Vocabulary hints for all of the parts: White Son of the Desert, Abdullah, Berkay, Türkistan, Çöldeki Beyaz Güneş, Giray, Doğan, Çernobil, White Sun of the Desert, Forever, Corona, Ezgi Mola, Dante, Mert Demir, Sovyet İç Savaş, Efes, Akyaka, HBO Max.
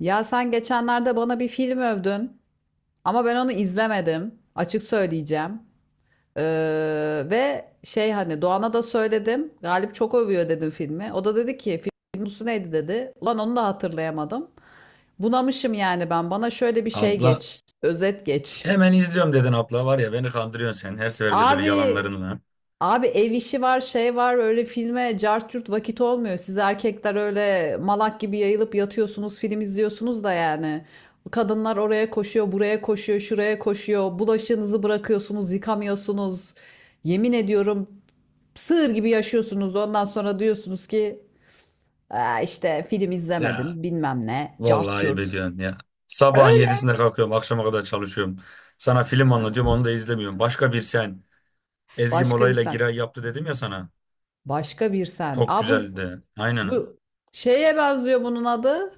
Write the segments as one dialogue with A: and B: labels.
A: Ya sen geçenlerde bana bir film övdün ama ben onu izlemedim. Açık söyleyeceğim. Ve şey hani Doğan'a da söyledim. Galip çok övüyor dedim filmi. O da dedi ki film konusu neydi dedi. Ulan onu da hatırlayamadım. Bunamışım yani ben. Bana şöyle bir şey
B: Abla
A: geç. Özet geç.
B: hemen izliyorum dedin abla var ya, beni kandırıyorsun sen her seferinde böyle
A: Abi
B: yalanlarınla.
A: Abi ev işi var, şey var, öyle filme cart curt vakit olmuyor. Siz erkekler öyle malak gibi yayılıp yatıyorsunuz, film izliyorsunuz da yani. Kadınlar oraya koşuyor, buraya koşuyor, şuraya koşuyor. Bulaşığınızı bırakıyorsunuz, yıkamıyorsunuz. Yemin ediyorum sığır gibi yaşıyorsunuz. Ondan sonra diyorsunuz ki "Aa, işte film
B: Ya
A: izlemedin, bilmem ne, cart
B: vallahi ayıp
A: curt."
B: ediyorsun ya. Sabahın
A: Öyle.
B: 7'sinde kalkıyorum, akşama kadar çalışıyorum. Sana film anlatıyorum, onu da izlemiyorum. Başka bir sen, Ezgi
A: Başka
B: Mola
A: bir
B: ile
A: sen.
B: Giray yaptı dedim ya sana.
A: Başka bir sen.
B: Çok
A: Aa, bu
B: güzeldi. Aynen.
A: Bu şeye benziyor bunun adı.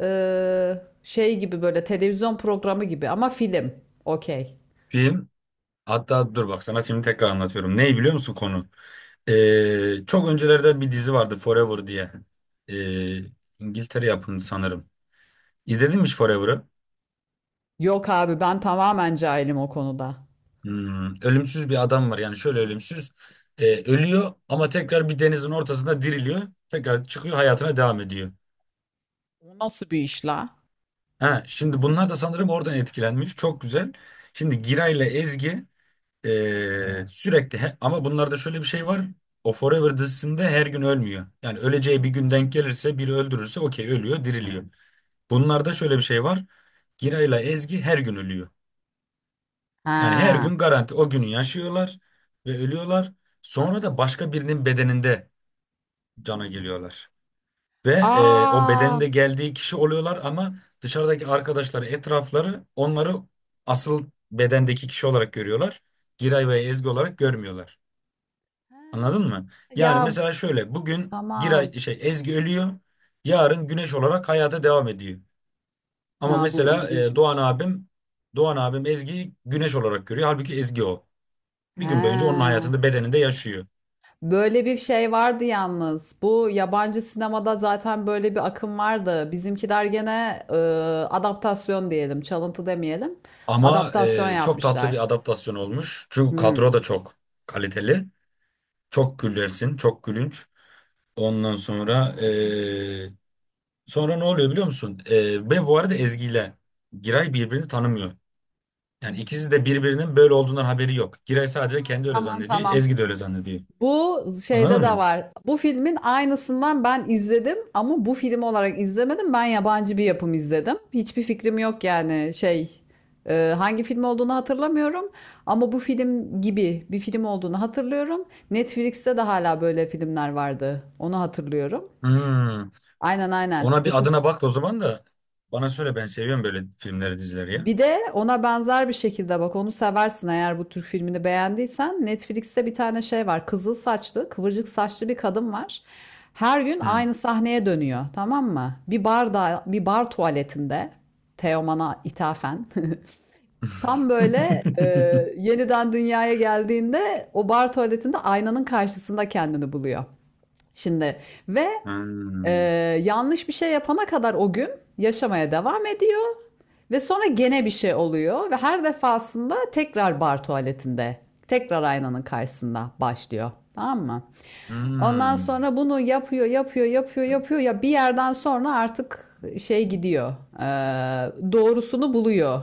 A: Ee, Şey gibi böyle televizyon programı gibi ama film. Okey.
B: Film, hatta dur bak, sana şimdi tekrar anlatıyorum. Neyi biliyor musun konu? Çok öncelerden bir dizi vardı Forever diye. Ee, İngiltere yapımı sanırım. İzledin mi hiç Forever'ı?
A: Yok abi, ben tamamen cahilim o konuda.
B: Ölümsüz bir adam var, yani şöyle ölümsüz, ölüyor ama tekrar bir denizin ortasında diriliyor, tekrar çıkıyor, hayatına devam ediyor.
A: O nasıl bir iş la?
B: Ha, şimdi bunlar da sanırım oradan etkilenmiş, çok güzel. Şimdi Giray ile Ezgi sürekli, ama bunlarda şöyle bir şey var: o Forever dizisinde her gün ölmüyor. Yani öleceği bir gün denk gelirse, biri öldürürse, okey, ölüyor, diriliyor. Bunlarda şöyle bir şey var: Giray ile Ezgi her gün ölüyor. Yani her
A: Ha.
B: gün garanti o günü yaşıyorlar ve ölüyorlar. Sonra da başka birinin bedeninde cana geliyorlar. Ve o
A: Aa.
B: bedende geldiği kişi oluyorlar, ama dışarıdaki arkadaşları, etrafları onları asıl bedendeki kişi olarak görüyorlar. Giray ve Ezgi olarak görmüyorlar.
A: Ha.
B: Anladın mı? Yani
A: Ya,
B: mesela şöyle, bugün Giray
A: tamam.
B: şey Ezgi ölüyor. Yarın Güneş olarak hayata devam ediyor. Ama
A: Ha, bu
B: mesela Doğan
A: ilginçmiş.
B: abim Doğan abim Ezgi'yi Güneş olarak görüyor. Halbuki Ezgi o, bir gün boyunca onun
A: Ha.
B: hayatında, bedeninde yaşıyor.
A: Böyle bir şey vardı yalnız. Bu yabancı sinemada zaten böyle bir akım vardı. Bizimkiler gene adaptasyon diyelim, çalıntı demeyelim,
B: Ama
A: adaptasyon
B: çok tatlı
A: yapmışlar.
B: bir adaptasyon olmuş. Çünkü kadro
A: Hımm.
B: da çok kaliteli. Çok gülersin, çok gülünç. Ondan sonra sonra ne oluyor biliyor musun? Ve bu arada Ezgi ile Giray birbirini tanımıyor. Yani ikisi de birbirinin böyle olduğundan haberi yok. Giray sadece kendi öyle
A: Tamam,
B: zannediyor.
A: tamam.
B: Ezgi de öyle zannediyor.
A: Bu şeyde
B: Anladın
A: de
B: mı?
A: var. Bu filmin aynısından ben izledim ama bu film olarak izlemedim. Ben yabancı bir yapım izledim. Hiçbir fikrim yok yani şey, hangi film olduğunu hatırlamıyorum ama bu film gibi bir film olduğunu hatırlıyorum. Netflix'te de hala böyle filmler vardı. Onu hatırlıyorum.
B: Hmm.
A: Aynen, aynen.
B: Ona
A: Bu
B: bir
A: tür.
B: adına bak da o zaman da bana söyle, ben seviyorum böyle filmleri, dizileri ya.
A: Bir de ona benzer bir şekilde bak, onu seversin eğer bu Türk filmini beğendiysen. Netflix'te bir tane şey var. Kızıl saçlı, kıvırcık saçlı bir kadın var. Her gün
B: Hmm.
A: aynı sahneye dönüyor, tamam mı? Bir barda, bir bar tuvaletinde. Teoman'a ithafen. Tam böyle yeniden dünyaya geldiğinde o bar tuvaletinde aynanın karşısında kendini buluyor. Şimdi ve e,
B: Hmm.
A: yanlış bir şey yapana kadar o gün yaşamaya devam ediyor. Ve sonra gene bir şey oluyor ve her defasında tekrar bar tuvaletinde, tekrar aynanın karşısında başlıyor. Tamam mı? Ondan
B: Hmm.
A: sonra bunu yapıyor, yapıyor, yapıyor, yapıyor. Ya bir yerden sonra artık şey gidiyor. Doğrusunu buluyor.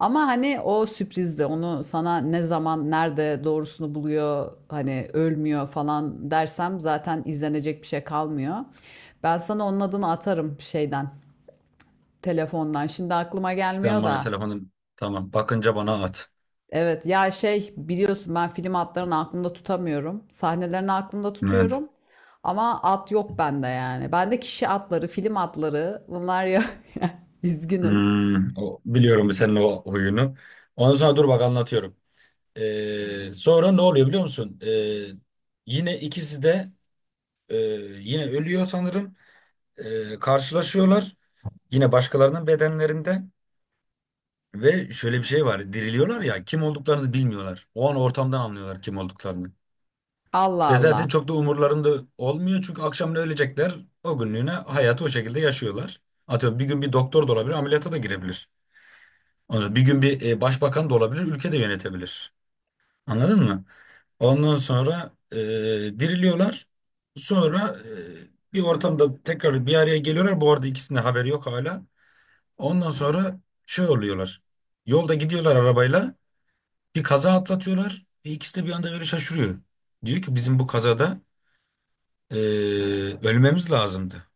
A: Ama hani o sürprizde onu sana ne zaman, nerede doğrusunu buluyor, hani ölmüyor falan dersem zaten izlenecek bir şey kalmıyor. Ben sana onun adını atarım şeyden, telefondan. Şimdi aklıma
B: Sen
A: gelmiyor
B: bana
A: da.
B: telefonu, tamam, bakınca bana at.
A: Evet ya şey, biliyorsun ben film adlarını aklımda tutamıyorum. Sahnelerini aklımda
B: Evet.
A: tutuyorum. Ama at yok bende yani. Bende kişi atları, film atları bunlar ya. Üzgünüm.
B: Hmm. O, biliyorum bu senin o huyunu. Ondan sonra dur bak, anlatıyorum. Sonra ne oluyor biliyor musun? Yine ikisi de e, yine ölüyor sanırım. Karşılaşıyorlar. Yine başkalarının bedenlerinde. Ve şöyle bir şey var: diriliyorlar ya, kim olduklarını bilmiyorlar. O an ortamdan anlıyorlar kim olduklarını.
A: Allah
B: Ve zaten
A: Allah.
B: çok da umurlarında olmuyor, çünkü akşam ne ölecekler, o günlüğüne hayatı o şekilde yaşıyorlar. Atıyorum, bir gün bir doktor da olabilir, ameliyata da girebilir. Ondan sonra bir gün bir başbakan da olabilir, ülke de yönetebilir. Anladın mı? Ondan sonra diriliyorlar. Sonra bir ortamda tekrar bir araya geliyorlar. Bu arada ikisinin de haberi yok hala. Ondan sonra şey oluyorlar. Yolda gidiyorlar arabayla. Bir kaza atlatıyorlar. Ve ikisi de bir anda böyle şaşırıyor. Diyor ki bizim bu kazada Ee, ölmemiz lazımdı.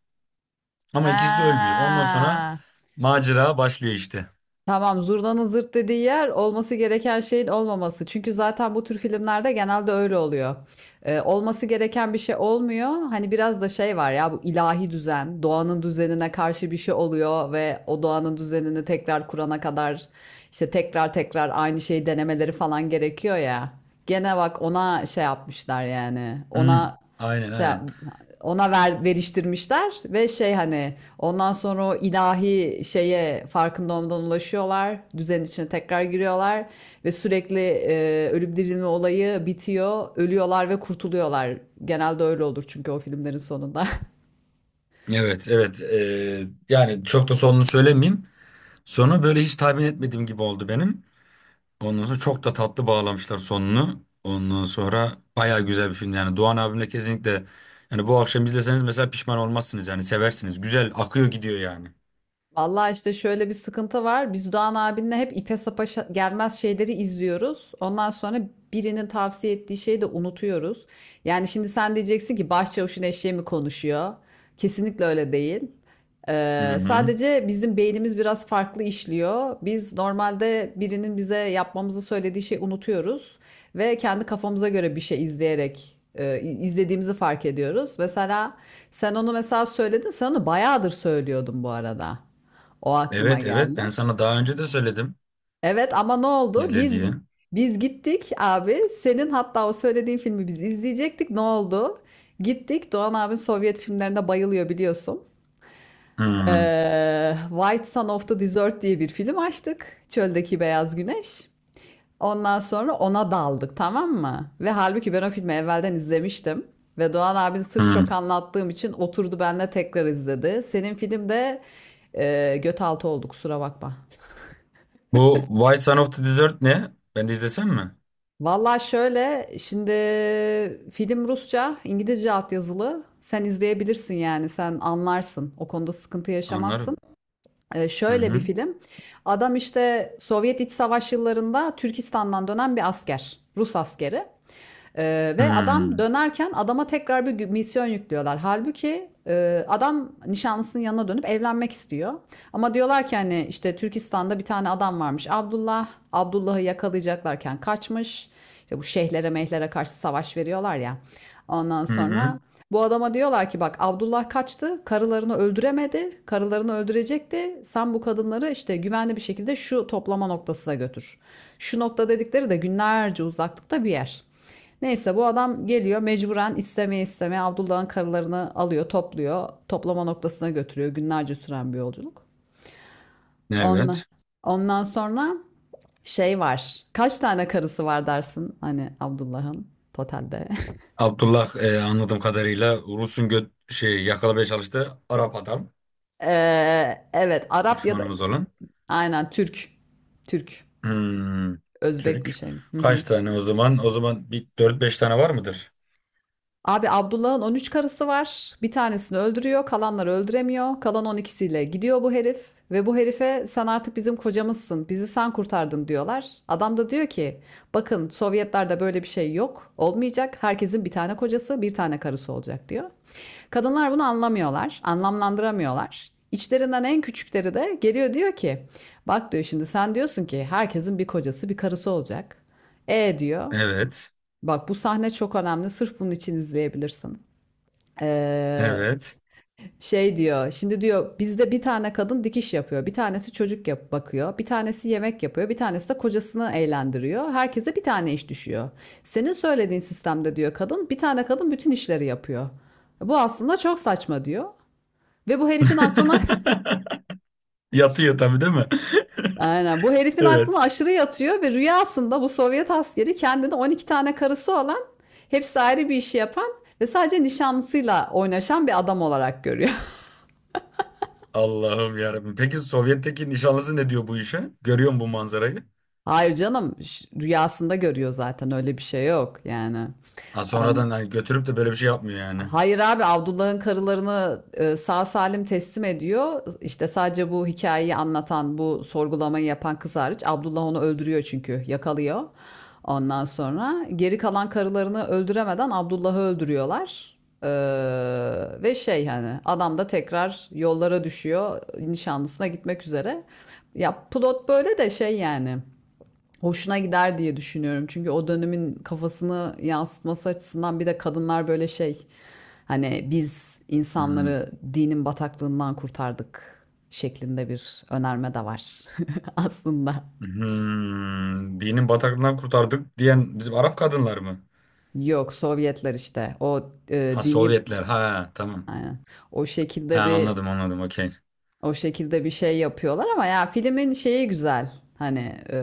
B: Ama ikisi de ölmüyor. Ondan sonra
A: Ha.
B: macera başlıyor işte.
A: Tamam, zurnanın zırt dediği yer olması gereken şeyin olmaması. Çünkü zaten bu tür filmlerde genelde öyle oluyor. Olması gereken bir şey olmuyor. Hani biraz da şey var ya, bu ilahi düzen, doğanın düzenine karşı bir şey oluyor ve o doğanın düzenini tekrar kurana kadar işte tekrar tekrar aynı şeyi denemeleri falan gerekiyor ya. Gene bak ona şey yapmışlar yani.
B: Hmm,
A: Ona
B: aynen,
A: şey,
B: aynen.
A: veriştirmişler ve şey hani ondan sonra o ilahi şeye farkında olmadan ulaşıyorlar. Düzenin içine tekrar giriyorlar ve sürekli ölüp dirilme olayı bitiyor. Ölüyorlar ve kurtuluyorlar. Genelde öyle olur çünkü o filmlerin sonunda.
B: Evet, evet. Yani çok da sonunu söylemeyeyim. Sonu böyle hiç tahmin etmediğim gibi oldu benim. Ondan sonra çok da tatlı bağlamışlar sonunu. Ondan sonra baya güzel bir film yani. Doğan abimle kesinlikle, yani bu akşam izleseniz mesela pişman olmazsınız, yani seversiniz. Güzel akıyor gidiyor yani.
A: Vallahi işte şöyle bir sıkıntı var. Biz Doğan abinle hep ipe sapa gelmez şeyleri izliyoruz. Ondan sonra birinin tavsiye ettiği şeyi de unutuyoruz. Yani şimdi sen diyeceksin ki başçavuşun eşeği mi konuşuyor? Kesinlikle öyle değil.
B: Hı hı.
A: Sadece bizim beynimiz biraz farklı işliyor. Biz normalde birinin bize yapmamızı söylediği şeyi unutuyoruz ve kendi kafamıza göre bir şey izleyerek izlediğimizi fark ediyoruz. Mesela sen onu mesela söyledin, sen onu bayağıdır söylüyordun bu arada. O aklıma
B: Evet, evet, ben
A: geldi.
B: sana daha önce de söyledim
A: Evet ama ne oldu?
B: izle
A: Biz
B: diye.
A: biz gittik abi. Senin hatta o söylediğin filmi biz izleyecektik. Ne oldu? Gittik. Doğan abin Sovyet filmlerine bayılıyor, biliyorsun.
B: Hı
A: White Sun of the Desert diye bir film açtık. Çöldeki Beyaz Güneş. Ondan sonra ona daldık, tamam mı? Ve halbuki ben o filmi evvelden izlemiştim. Ve Doğan abin sırf
B: hı.
A: çok anlattığım için oturdu benimle tekrar izledi. Senin filmde göt altı oldu, kusura bakma.
B: Bu White Son of the Desert ne? Ben de izlesem mi?
A: Valla şöyle şimdi, film Rusça, İngilizce altyazılı. Sen izleyebilirsin yani, sen anlarsın. O konuda sıkıntı yaşamazsın.
B: Anlarım. Hı
A: Şöyle bir
B: hı.
A: film. Adam işte Sovyet İç Savaş yıllarında Türkistan'dan dönen bir asker. Rus askeri. Ve adam
B: Hmm.
A: dönerken adama tekrar bir misyon yüklüyorlar. Halbuki adam nişanlısının yanına dönüp evlenmek istiyor. Ama diyorlar ki hani işte Türkistan'da bir tane adam varmış, Abdullah. Abdullah'ı yakalayacaklarken kaçmış. İşte bu şeyhlere mehlere karşı savaş veriyorlar ya. Ondan
B: Hı
A: sonra
B: hı.
A: bu adama diyorlar ki bak, Abdullah kaçtı, karılarını öldüremedi, karılarını öldürecekti. Sen bu kadınları işte güvenli bir şekilde şu toplama noktasına götür. Şu nokta dedikleri de günlerce uzaklıkta bir yer. Neyse, bu adam geliyor mecburen, istemeye istemeye Abdullah'ın karılarını alıyor, topluyor. Toplama noktasına götürüyor. Günlerce süren bir yolculuk. Ondan,
B: Evet.
A: ondan sonra şey var. Kaç tane karısı var dersin hani Abdullah'ın totalde?
B: Abdullah, anladığım kadarıyla Rus'un göt şey yakalamaya çalıştığı Arap adam.
A: Evet, Arap ya da
B: Düşmanımız olan.
A: aynen Türk. Türk.
B: Hmm.
A: Özbek mi,
B: Türk.
A: şey mi? Hı hı.
B: Kaç tane o zaman? O zaman bir dört beş tane var mıdır?
A: Abi, Abdullah'ın 13 karısı var. Bir tanesini öldürüyor, kalanları öldüremiyor. Kalan 12'siyle gidiyor bu herif ve bu herife sen artık bizim kocamızsın, bizi sen kurtardın diyorlar. Adam da diyor ki, bakın Sovyetlerde böyle bir şey yok, olmayacak. Herkesin bir tane kocası, bir tane karısı olacak diyor. Kadınlar bunu anlamıyorlar, anlamlandıramıyorlar. İçlerinden en küçükleri de geliyor, diyor ki, bak diyor, şimdi sen diyorsun ki herkesin bir kocası, bir karısı olacak. E diyor.
B: Evet.
A: Bak, bu sahne çok önemli. Sırf bunun için izleyebilirsin. Ee,
B: Evet.
A: Şey diyor. Şimdi diyor, bizde bir tane kadın dikiş yapıyor. Bir tanesi çocuk yap bakıyor. Bir tanesi yemek yapıyor. Bir tanesi de kocasını eğlendiriyor. Herkese bir tane iş düşüyor. Senin söylediğin sistemde diyor, kadın, bir tane kadın bütün işleri yapıyor. Bu aslında çok saçma diyor. Ve bu herifin aklına
B: Yatıyor tabii değil mi?
A: aynen, bu herifin aklına
B: Evet.
A: aşırı yatıyor ve rüyasında bu Sovyet askeri kendine 12 tane karısı olan, hepsi ayrı bir işi yapan ve sadece nişanlısıyla oynaşan bir adam olarak görüyor.
B: Allah'ım yarabbim. Peki Sovyet'teki nişanlısı ne diyor bu işe? Görüyor musun bu manzarayı?
A: Hayır canım, rüyasında görüyor, zaten öyle bir şey yok yani.
B: Ha, sonradan
A: An-
B: hani götürüp de böyle bir şey yapmıyor yani.
A: Hayır abi, Abdullah'ın karılarını sağ salim teslim ediyor. İşte sadece bu hikayeyi anlatan, bu sorgulamayı yapan kız hariç. Abdullah onu öldürüyor çünkü yakalıyor. Ondan sonra geri kalan karılarını öldüremeden Abdullah'ı öldürüyorlar. Ve şey hani adam da tekrar yollara düşüyor nişanlısına gitmek üzere. Ya plot böyle de, şey yani hoşuna gider diye düşünüyorum. Çünkü o dönemin kafasını yansıtması açısından, bir de kadınlar böyle şey hani biz
B: Hmm.
A: insanları dinin bataklığından kurtardık şeklinde bir önerme de var aslında.
B: Hmm. Dinin bataklığından kurtardık diyen bizim Arap kadınlar mı?
A: Yok, Sovyetler işte o
B: Ha,
A: dini,
B: Sovyetler. Ha, tamam.
A: aynen. O
B: Ha,
A: şekilde bir.
B: anladım, anladım, okey.
A: O şekilde bir şey yapıyorlar ama ya filmin şeyi güzel. Hani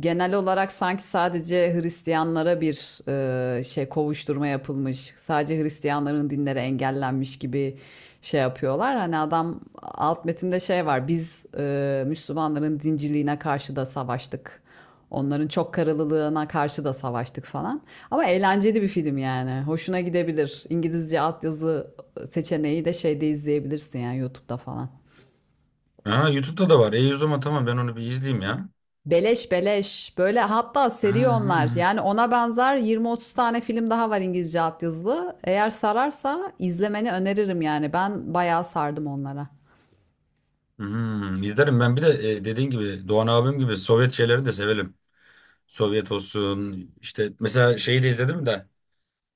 A: genel olarak sanki sadece Hristiyanlara bir şey, kovuşturma yapılmış. Sadece Hristiyanların dinleri engellenmiş gibi şey yapıyorlar. Hani adam, alt metinde şey var. Biz Müslümanların dinciliğine karşı da savaştık. Onların çok karılılığına karşı da savaştık falan. Ama eğlenceli bir film yani. Hoşuna gidebilir. İngilizce altyazı seçeneği de şeyde izleyebilirsin yani, YouTube'da falan.
B: Ha, YouTube'da da var. E, o zaman tamam, ben onu bir izleyeyim ya.
A: Beleş beleş. Böyle hatta
B: Ha,
A: seri onlar.
B: ha.
A: Yani ona benzer 20-30 tane film daha var İngilizce altyazılı. Eğer sararsa izlemeni öneririm yani. Ben bayağı sardım onlara.
B: Hmm. İzlerim ben, bir de dediğin gibi Doğan abim gibi Sovyet şeyleri de severim. Sovyet olsun işte, mesela şeyi de izledim de,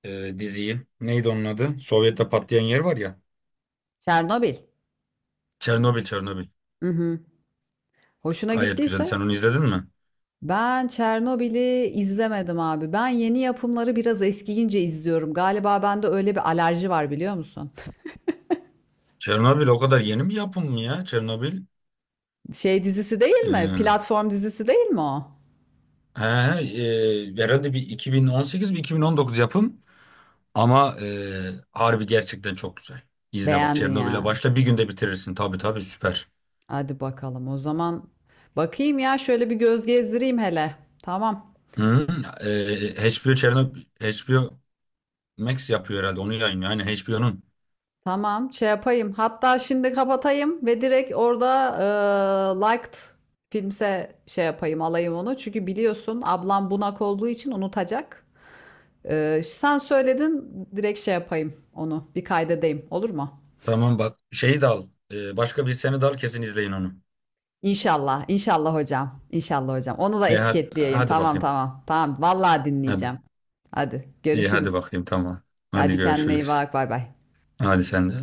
B: diziyi. Neydi onun adı? Sovyet'te patlayan yer var ya.
A: Çernobil.
B: Çernobil, Çernobil.
A: Hı hı. Hoşuna
B: Gayet güzel.
A: gittiyse.
B: Sen onu izledin mi?
A: Ben Çernobil'i izlemedim abi. Ben yeni yapımları biraz eskiyince izliyorum. Galiba bende öyle bir alerji var, biliyor musun?
B: Çernobil o kadar yeni bir yapım mı ya? Çernobil.
A: Şey dizisi değil mi?
B: Ee,
A: Platform dizisi değil mi o?
B: he, he, herhalde bir 2018 bir 2019 yapım. Ama harbi, gerçekten çok güzel. İzle bak,
A: Beğendin
B: Çernobil'e
A: yani.
B: başla, bir günde bitirirsin. Tabii, tabii, süper.
A: Hadi bakalım o zaman. Bakayım ya, şöyle bir göz gezdireyim hele. Tamam.
B: Hı, HBO, Çernobil, HBO Max yapıyor herhalde, onu yayınlıyor. Hani HBO'nun.
A: Tamam, şey yapayım. Hatta şimdi kapatayım ve direkt orada liked filmse şey yapayım, alayım onu. Çünkü biliyorsun ablam bunak olduğu için unutacak. Sen söyledin, direkt şey yapayım onu, bir kaydedeyim, olur mu?
B: Tamam bak, şeyi de al. E, başka bir seni de al, kesin izleyin onu.
A: İnşallah, inşallah hocam, inşallah hocam. Onu da
B: E, hadi,
A: etiketleyeyim.
B: hadi
A: Tamam,
B: bakayım.
A: tamam, tamam. Vallahi
B: Hadi.
A: dinleyeceğim. Hadi
B: İyi, hadi
A: görüşürüz.
B: bakayım, tamam. Hadi
A: Hadi kendine iyi
B: görüşürüz.
A: bak. Bay bay.
B: Hadi sen de.